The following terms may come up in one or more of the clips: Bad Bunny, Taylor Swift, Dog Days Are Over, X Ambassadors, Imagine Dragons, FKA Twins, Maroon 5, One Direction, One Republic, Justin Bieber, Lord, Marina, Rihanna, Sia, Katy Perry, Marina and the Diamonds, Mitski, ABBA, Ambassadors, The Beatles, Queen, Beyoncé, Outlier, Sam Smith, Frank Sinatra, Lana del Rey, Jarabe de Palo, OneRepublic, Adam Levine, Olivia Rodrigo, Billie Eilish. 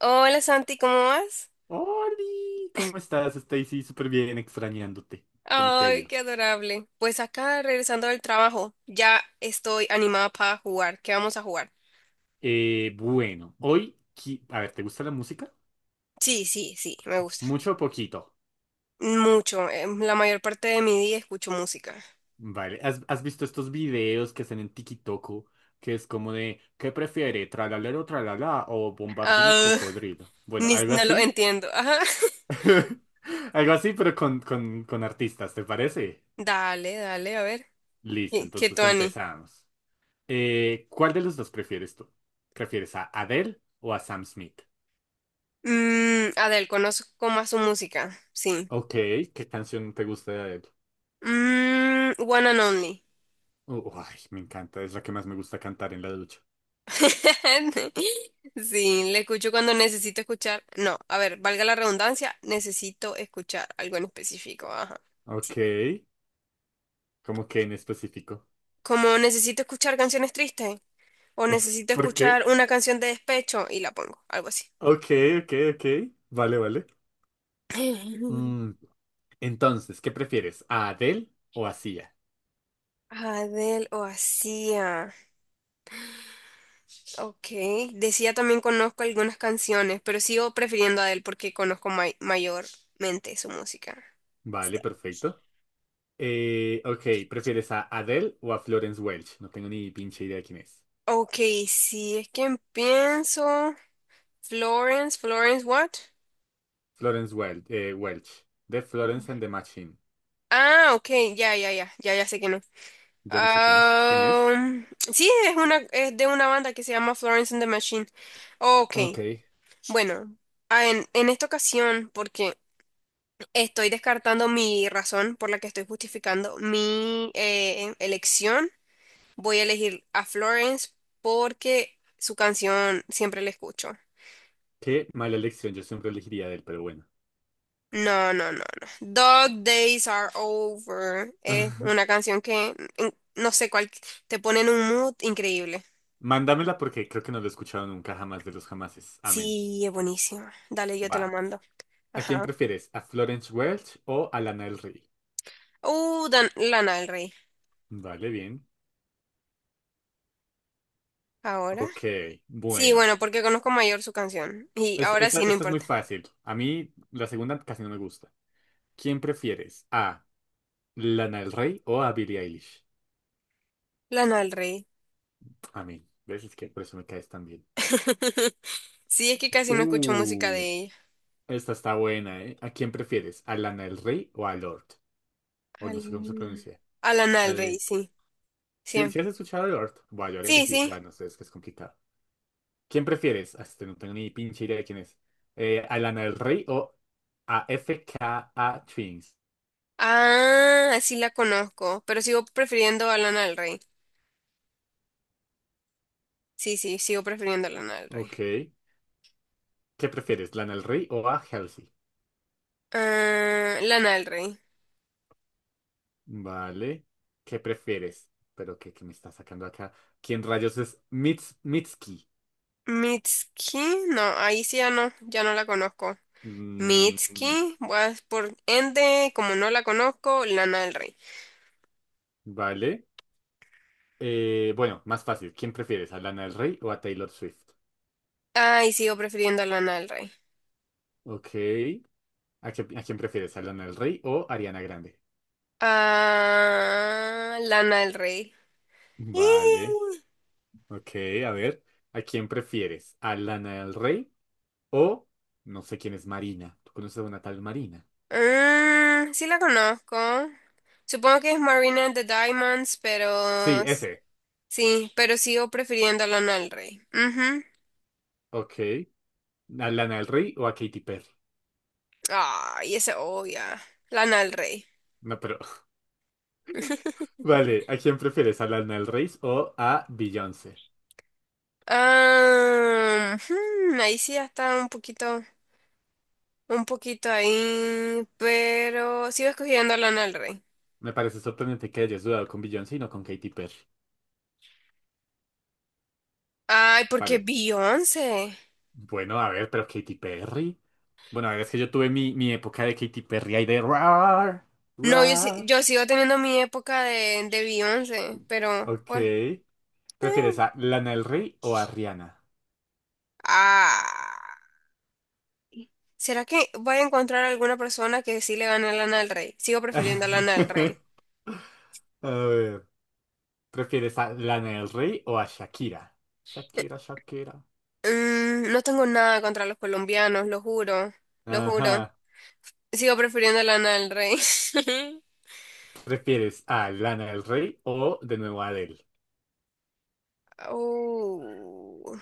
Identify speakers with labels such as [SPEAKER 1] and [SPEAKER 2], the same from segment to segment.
[SPEAKER 1] Hola Santi, ¿cómo vas?
[SPEAKER 2] Oli, ¿cómo estás, Stacy? Súper bien, extrañándote. ¿Cómo te ha
[SPEAKER 1] Ay,
[SPEAKER 2] ido?
[SPEAKER 1] qué adorable. Pues acá regresando del trabajo, ya estoy animada para jugar. ¿Qué vamos a jugar?
[SPEAKER 2] Bueno, hoy, a ver, ¿te gusta la música?
[SPEAKER 1] Sí, sí, sí, me gusta.
[SPEAKER 2] Mucho o poquito.
[SPEAKER 1] Mucho. La mayor parte de mi día escucho música.
[SPEAKER 2] Vale, ¿has visto estos videos que hacen en TikTok? Que es como de, ¿qué prefiere? ¿Tralalero, tralala o bombardino
[SPEAKER 1] Ah,
[SPEAKER 2] crocodrilo? Bueno, algo
[SPEAKER 1] no lo
[SPEAKER 2] así.
[SPEAKER 1] entiendo. Ajá.
[SPEAKER 2] Algo así, pero con artistas, ¿te parece?
[SPEAKER 1] Dale, dale, a ver.
[SPEAKER 2] Listo,
[SPEAKER 1] ¿Qué
[SPEAKER 2] entonces
[SPEAKER 1] Tuani?
[SPEAKER 2] empezamos. ¿Cuál de los dos prefieres tú? ¿Prefieres a Adele o a Sam Smith?
[SPEAKER 1] Mm, Adele, conozco más su música. Sí.
[SPEAKER 2] Ok, ¿qué canción te gusta de Adele?
[SPEAKER 1] Mm, One and Only.
[SPEAKER 2] Ay, me encanta, es la que más me gusta cantar en la ducha.
[SPEAKER 1] Sí, le escucho cuando necesito escuchar. No, a ver, valga la redundancia, necesito escuchar algo en específico. Ajá. Sí,
[SPEAKER 2] Ok, ¿cómo que en específico?
[SPEAKER 1] como necesito escuchar canciones tristes o necesito
[SPEAKER 2] ¿Por qué?
[SPEAKER 1] escuchar una canción de despecho y la pongo, algo así.
[SPEAKER 2] Ok, ok, ok. Vale, vale. Mm, entonces, ¿qué prefieres? ¿A Adele o a Sia?
[SPEAKER 1] ¿Adele o Sia? Ok. De Sia también conozco algunas canciones, pero sigo prefiriendo a Adele porque conozco mayormente su música.
[SPEAKER 2] Vale,
[SPEAKER 1] Sí.
[SPEAKER 2] perfecto. Ok, ¿prefieres a Adele o a Florence Welch? No tengo ni pinche idea de quién es.
[SPEAKER 1] Ok, si es que pienso. Florence, Florence, what?
[SPEAKER 2] Florence Welch, Welch, de Florence and the Machine.
[SPEAKER 1] Ah, ok, ya, ya, ya, ya, ya sé que no.
[SPEAKER 2] Yo no sé quién es. ¿Quién es?
[SPEAKER 1] Am, sí, es una, es de una banda que se llama Florence and the Machine. Ok,
[SPEAKER 2] Ok,
[SPEAKER 1] bueno, ah, en esta ocasión, porque estoy descartando mi razón por la que estoy justificando mi elección, voy a elegir a Florence porque su canción siempre la escucho.
[SPEAKER 2] qué mala elección, yo siempre elegiría a Adele, pero bueno.
[SPEAKER 1] No, no, no, no. Dog Days Are Over es una canción que, no sé cuál, te pone en un mood increíble.
[SPEAKER 2] Mándamela porque creo que no lo he escuchado nunca jamás de los jamases. Amén.
[SPEAKER 1] Sí, es buenísima. Dale, yo te la
[SPEAKER 2] Va.
[SPEAKER 1] mando.
[SPEAKER 2] ¿A quién
[SPEAKER 1] Ajá.
[SPEAKER 2] prefieres? ¿A Florence Welch o a Lana del Rey?
[SPEAKER 1] Lana del Rey.
[SPEAKER 2] Vale, bien.
[SPEAKER 1] ¿Ahora?
[SPEAKER 2] Ok,
[SPEAKER 1] Sí,
[SPEAKER 2] bueno.
[SPEAKER 1] bueno, porque conozco mayor su canción. Y ahora
[SPEAKER 2] Esta,
[SPEAKER 1] sí, no
[SPEAKER 2] esta es muy
[SPEAKER 1] importa.
[SPEAKER 2] fácil. A mí la segunda casi no me gusta. ¿Quién prefieres? ¿A Lana del Rey o a Billie Eilish?
[SPEAKER 1] Lana del Rey.
[SPEAKER 2] Amén. ¿Ves? Es que por eso me caes tan bien.
[SPEAKER 1] Sí, es que casi no escucho música
[SPEAKER 2] Uh,
[SPEAKER 1] de ella.
[SPEAKER 2] esta está buena, ¿eh? ¿A quién prefieres? ¿A Lana del Rey o a Lord? O no
[SPEAKER 1] Al...
[SPEAKER 2] sé cómo se pronuncia.
[SPEAKER 1] A Lana
[SPEAKER 2] La
[SPEAKER 1] del Rey,
[SPEAKER 2] de...
[SPEAKER 1] sí.
[SPEAKER 2] Si, si
[SPEAKER 1] Siempre.
[SPEAKER 2] has escuchado a Lord, bueno, yo habría
[SPEAKER 1] Sí,
[SPEAKER 2] elegido...
[SPEAKER 1] sí.
[SPEAKER 2] Bueno, no sé, es que es complicado. ¿Quién prefieres? No tengo ni pinche idea de quién es. ¿A Lana del Rey o a F K A Twins?
[SPEAKER 1] Ah, sí la conozco, pero sigo prefiriendo a Lana del Rey. Sí, sí, sigo prefiriendo Lana del Rey.
[SPEAKER 2] Ok. ¿Qué prefieres? ¿Lana del Rey o a Halsey?
[SPEAKER 1] Ah, Lana del Rey.
[SPEAKER 2] Vale. ¿Qué prefieres? Pero ¿qué me está sacando acá? ¿Quién rayos es Mitski?
[SPEAKER 1] Mitski, no, ahí sí ya no, ya no la conozco.
[SPEAKER 2] Mm,
[SPEAKER 1] Mitski, pues por ende, como no la conozco, Lana del Rey.
[SPEAKER 2] vale. Bueno, más fácil. ¿Quién prefieres? ¿A Lana del Rey o a Taylor Swift?
[SPEAKER 1] Ay, sigo prefiriendo a Lana del Rey.
[SPEAKER 2] Ok. ¿A quién prefieres? ¿A Lana del Rey o Ariana Grande?
[SPEAKER 1] Ah, Lana del Rey.
[SPEAKER 2] Vale.
[SPEAKER 1] Ih,
[SPEAKER 2] Ok, a ver, ¿a quién prefieres? ¿A Lana del Rey o no sé quién es Marina? ¿Tú conoces a una tal Marina?
[SPEAKER 1] mm, sí la conozco. Supongo que es Marina and the Diamonds, pero
[SPEAKER 2] Sí, ese.
[SPEAKER 1] sí, pero sigo prefiriendo a Lana del Rey. Ujú.
[SPEAKER 2] Ok. ¿A Lana del Rey o a Katy Perry?
[SPEAKER 1] Ay, esa obvia. Lana del Rey.
[SPEAKER 2] No, pero... Vale, ¿a quién prefieres? ¿A Lana del Rey o a Beyoncé?
[SPEAKER 1] Ah, hmm, ahí sí ya está un poquito ahí, pero sigo escogiendo a Lana del Rey.
[SPEAKER 2] Me parece sorprendente que hayas dudado con Beyoncé y no con Katy Perry.
[SPEAKER 1] Ay, porque
[SPEAKER 2] Vale.
[SPEAKER 1] Beyoncé.
[SPEAKER 2] Bueno, a ver, pero Katy Perry. Bueno, a ver, es que yo tuve mi época de Katy Perry ahí de
[SPEAKER 1] No, yo,
[SPEAKER 2] rar.
[SPEAKER 1] yo sigo teniendo mi época de Beyoncé, pero
[SPEAKER 2] Ok.
[SPEAKER 1] pues. eh.
[SPEAKER 2] ¿Prefieres a Lana del Rey o a Rihanna?
[SPEAKER 1] Ay. ¿Será que voy a encontrar alguna persona que sí le gane a Lana del Rey? Sigo prefiriendo a Lana del Rey.
[SPEAKER 2] A ver, ¿prefieres a Lana del Rey o a Shakira? Shakira, Shakira.
[SPEAKER 1] Mm, no tengo nada contra los colombianos, lo juro, lo juro.
[SPEAKER 2] Ajá.
[SPEAKER 1] Sigo prefiriendo Lana del Rey.
[SPEAKER 2] ¿Prefieres a Lana del Rey o de nuevo a Adele?
[SPEAKER 1] Oh,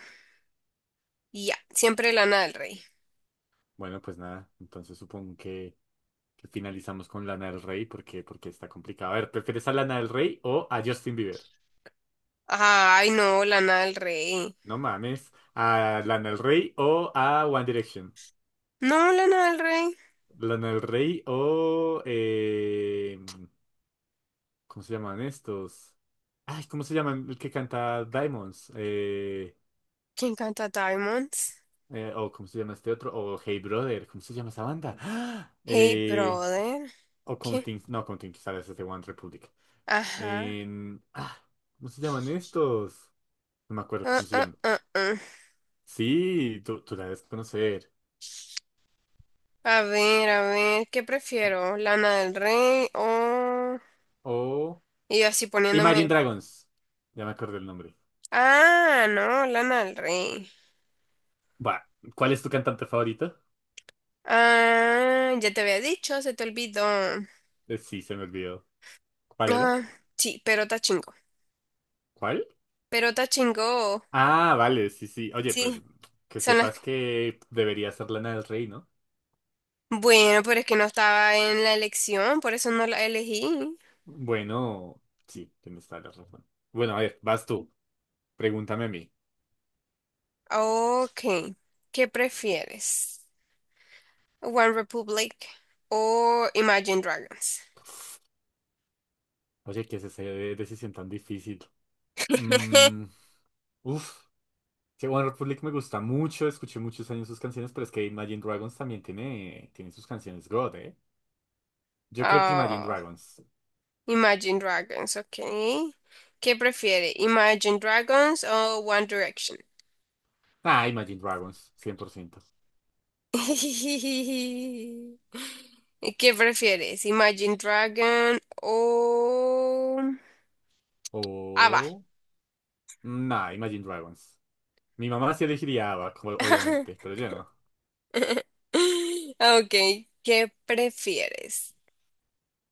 [SPEAKER 1] ya, siempre Lana del Rey.
[SPEAKER 2] Bueno, pues nada, entonces supongo que finalizamos con Lana del Rey porque, porque está complicado. A ver, ¿prefieres a Lana del Rey o a Justin Bieber?
[SPEAKER 1] Ay, no, Lana del Rey.
[SPEAKER 2] No mames. ¿A Lana del Rey o a One Direction?
[SPEAKER 1] No, Lana del Rey.
[SPEAKER 2] ¿Lana del Rey o... ¿Cómo se llaman estos? Ay, ¿cómo se llaman el que canta Diamonds?
[SPEAKER 1] ¿Quién canta Diamonds?
[SPEAKER 2] O ¿cómo se llama este otro? O Hey Brother, ¿cómo se llama esa banda? ¡Ah!
[SPEAKER 1] Hey, brother.
[SPEAKER 2] O
[SPEAKER 1] ¿Qué?
[SPEAKER 2] Counting, no, Counting Stars es de One Republic.
[SPEAKER 1] Ajá.
[SPEAKER 2] En- ah, ¿Cómo se llaman estos? No me acuerdo
[SPEAKER 1] Ah,
[SPEAKER 2] cómo se
[SPEAKER 1] ah,
[SPEAKER 2] llaman.
[SPEAKER 1] ah, ah.
[SPEAKER 2] Sí, tú la debes conocer.
[SPEAKER 1] A ver, ¿qué prefiero? ¿Lana del Rey o...?
[SPEAKER 2] O
[SPEAKER 1] Y yo así
[SPEAKER 2] Imagine
[SPEAKER 1] poniéndome...
[SPEAKER 2] Dragons. Ya me acuerdo el nombre.
[SPEAKER 1] Ah, no, Lana del Rey.
[SPEAKER 2] Va, ¿cuál es tu cantante favorito?
[SPEAKER 1] Ah, ya te había dicho, se te olvidó.
[SPEAKER 2] Sí, se me olvidó. ¿Cuál era?
[SPEAKER 1] Ah, sí, pero está chingón.
[SPEAKER 2] ¿Cuál?
[SPEAKER 1] Pero Tachingo,
[SPEAKER 2] Ah, vale, sí, sí. Oye, pues
[SPEAKER 1] sí,
[SPEAKER 2] que
[SPEAKER 1] son las...
[SPEAKER 2] sepas que debería ser Lana del Rey, ¿no?
[SPEAKER 1] Bueno, pero es que no estaba en la elección, por eso no la elegí.
[SPEAKER 2] Bueno, sí, tienes toda la razón. Bueno, a ver, vas tú. Pregúntame a mí.
[SPEAKER 1] Ok, ¿qué prefieres? ¿One Republic o Imagine Dragons?
[SPEAKER 2] Oye, ¿qué es esa decisión tan difícil? Mm, uf, que One Republic me gusta mucho, escuché muchos años sus canciones, pero es que Imagine Dragons también tiene sus canciones God, ¿eh? Yo creo que Imagine
[SPEAKER 1] Ah,
[SPEAKER 2] Dragons.
[SPEAKER 1] Imagine Dragons, ok. ¿Qué prefiere? ¿Imagine Dragons o One Direction?
[SPEAKER 2] Ah, Imagine Dragons, 100%.
[SPEAKER 1] ¿Y ¿qué prefieres? ¿Imagine Dragon o Ava?
[SPEAKER 2] O... Nah, Imagine Dragons. Mi mamá sí elegiría ABBA, como- obviamente, pero yo no.
[SPEAKER 1] Ok, ¿qué prefieres?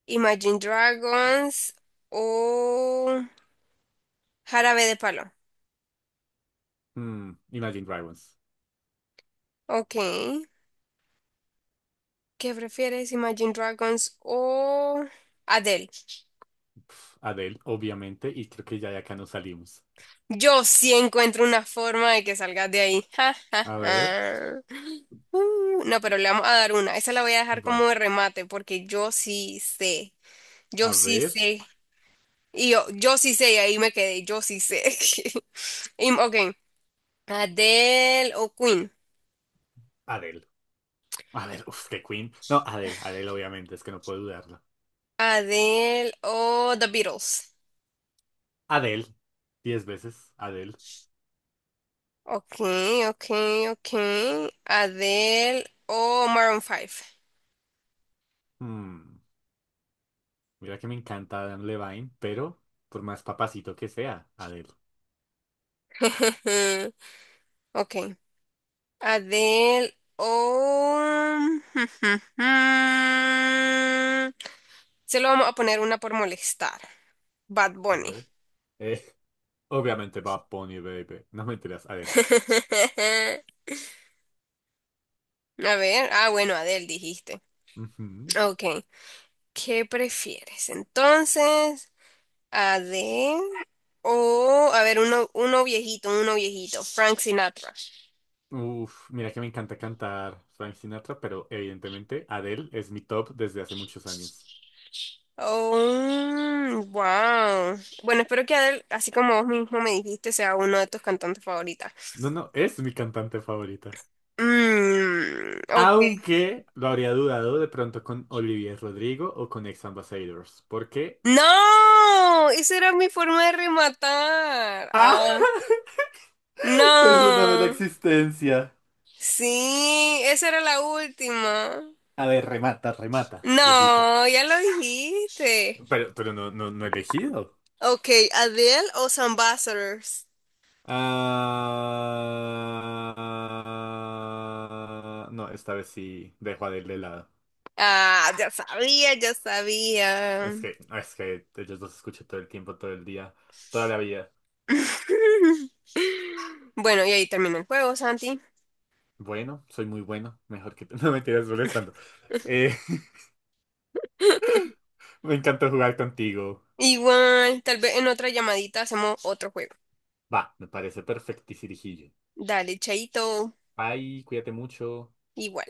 [SPEAKER 1] ¿Imagine Dragons o Jarabe de Palo?
[SPEAKER 2] Imagine Dragons.
[SPEAKER 1] Ok, ¿qué prefieres? ¿Imagine Dragons o Adele?
[SPEAKER 2] Adele, obviamente, y creo que ya de acá nos salimos.
[SPEAKER 1] Yo sí encuentro una forma de que salgas de ahí. Ja, ja,
[SPEAKER 2] A ver,
[SPEAKER 1] ja. No, pero le vamos a dar una. Esa la voy a dejar como
[SPEAKER 2] va.
[SPEAKER 1] de remate porque yo sí sé. Yo
[SPEAKER 2] A
[SPEAKER 1] sí
[SPEAKER 2] ver,
[SPEAKER 1] sé. Y yo sí sé, y ahí me quedé. Yo sí sé. Ok, ¿Adele o Queen?
[SPEAKER 2] Adele. A ver, uf, que Queen. No, Adele, Adele, obviamente, es que no puedo dudarlo.
[SPEAKER 1] ¿Adele o The Beatles?
[SPEAKER 2] Adele, 10 veces, Adele.
[SPEAKER 1] Ok, ok, ok. ¿Adele o Maroon Five?
[SPEAKER 2] Mm, mira que me encanta Adam Levine, pero por más papacito que sea, Adele.
[SPEAKER 1] Ok. Adele o... Se lo vamos a poner una por molestar. Bad
[SPEAKER 2] A
[SPEAKER 1] Bunny.
[SPEAKER 2] ver. Eh, obviamente va Bunny, baby. No me enteras, Adele.
[SPEAKER 1] A ver. Ah, bueno, Adele dijiste.
[SPEAKER 2] Ujú.
[SPEAKER 1] Ok. ¿Qué prefieres? Entonces... A de... O, a ver, uno, uno viejito, Frank Sinatra.
[SPEAKER 2] Uf, mira que me encanta cantar Frank Sinatra, pero evidentemente Adele es mi top desde hace muchos años.
[SPEAKER 1] Oh, wow. Bueno, espero que Adele, así como vos mismo me dijiste, sea uno de tus cantantes favoritas.
[SPEAKER 2] No, no, es mi cantante favorita.
[SPEAKER 1] Mm, ok.
[SPEAKER 2] Aunque lo habría dudado de pronto con Olivier Rodrigo o con Ex Ambassadors. Porque.
[SPEAKER 1] ¡No! Esa era mi forma de rematar.
[SPEAKER 2] ¡Ah!
[SPEAKER 1] Ah,
[SPEAKER 2] Perdóname la
[SPEAKER 1] no.
[SPEAKER 2] existencia.
[SPEAKER 1] Sí, esa era la última.
[SPEAKER 2] A ver, remata, remata. Y él dijo.
[SPEAKER 1] No, ya lo dijiste.
[SPEAKER 2] Pero, no he elegido.
[SPEAKER 1] Ok, ¿Adele o Ambassadors?
[SPEAKER 2] Ah, no, esta vez sí dejo a Adele de lado.
[SPEAKER 1] Ah, ya sabía, ya sabía.
[SPEAKER 2] Es que ellos los escucho todo el tiempo, todo el día, toda la vida.
[SPEAKER 1] Bueno, y ahí termina el juego, Santi.
[SPEAKER 2] Bueno, soy muy bueno. Mejor que... No me tiras molestando. Eh, Me encantó jugar contigo.
[SPEAKER 1] Igual, tal vez en otra llamadita hacemos otro juego.
[SPEAKER 2] Va, me parece perfectirijillo.
[SPEAKER 1] Dale, chaito,
[SPEAKER 2] Bye, cuídate mucho.
[SPEAKER 1] igual.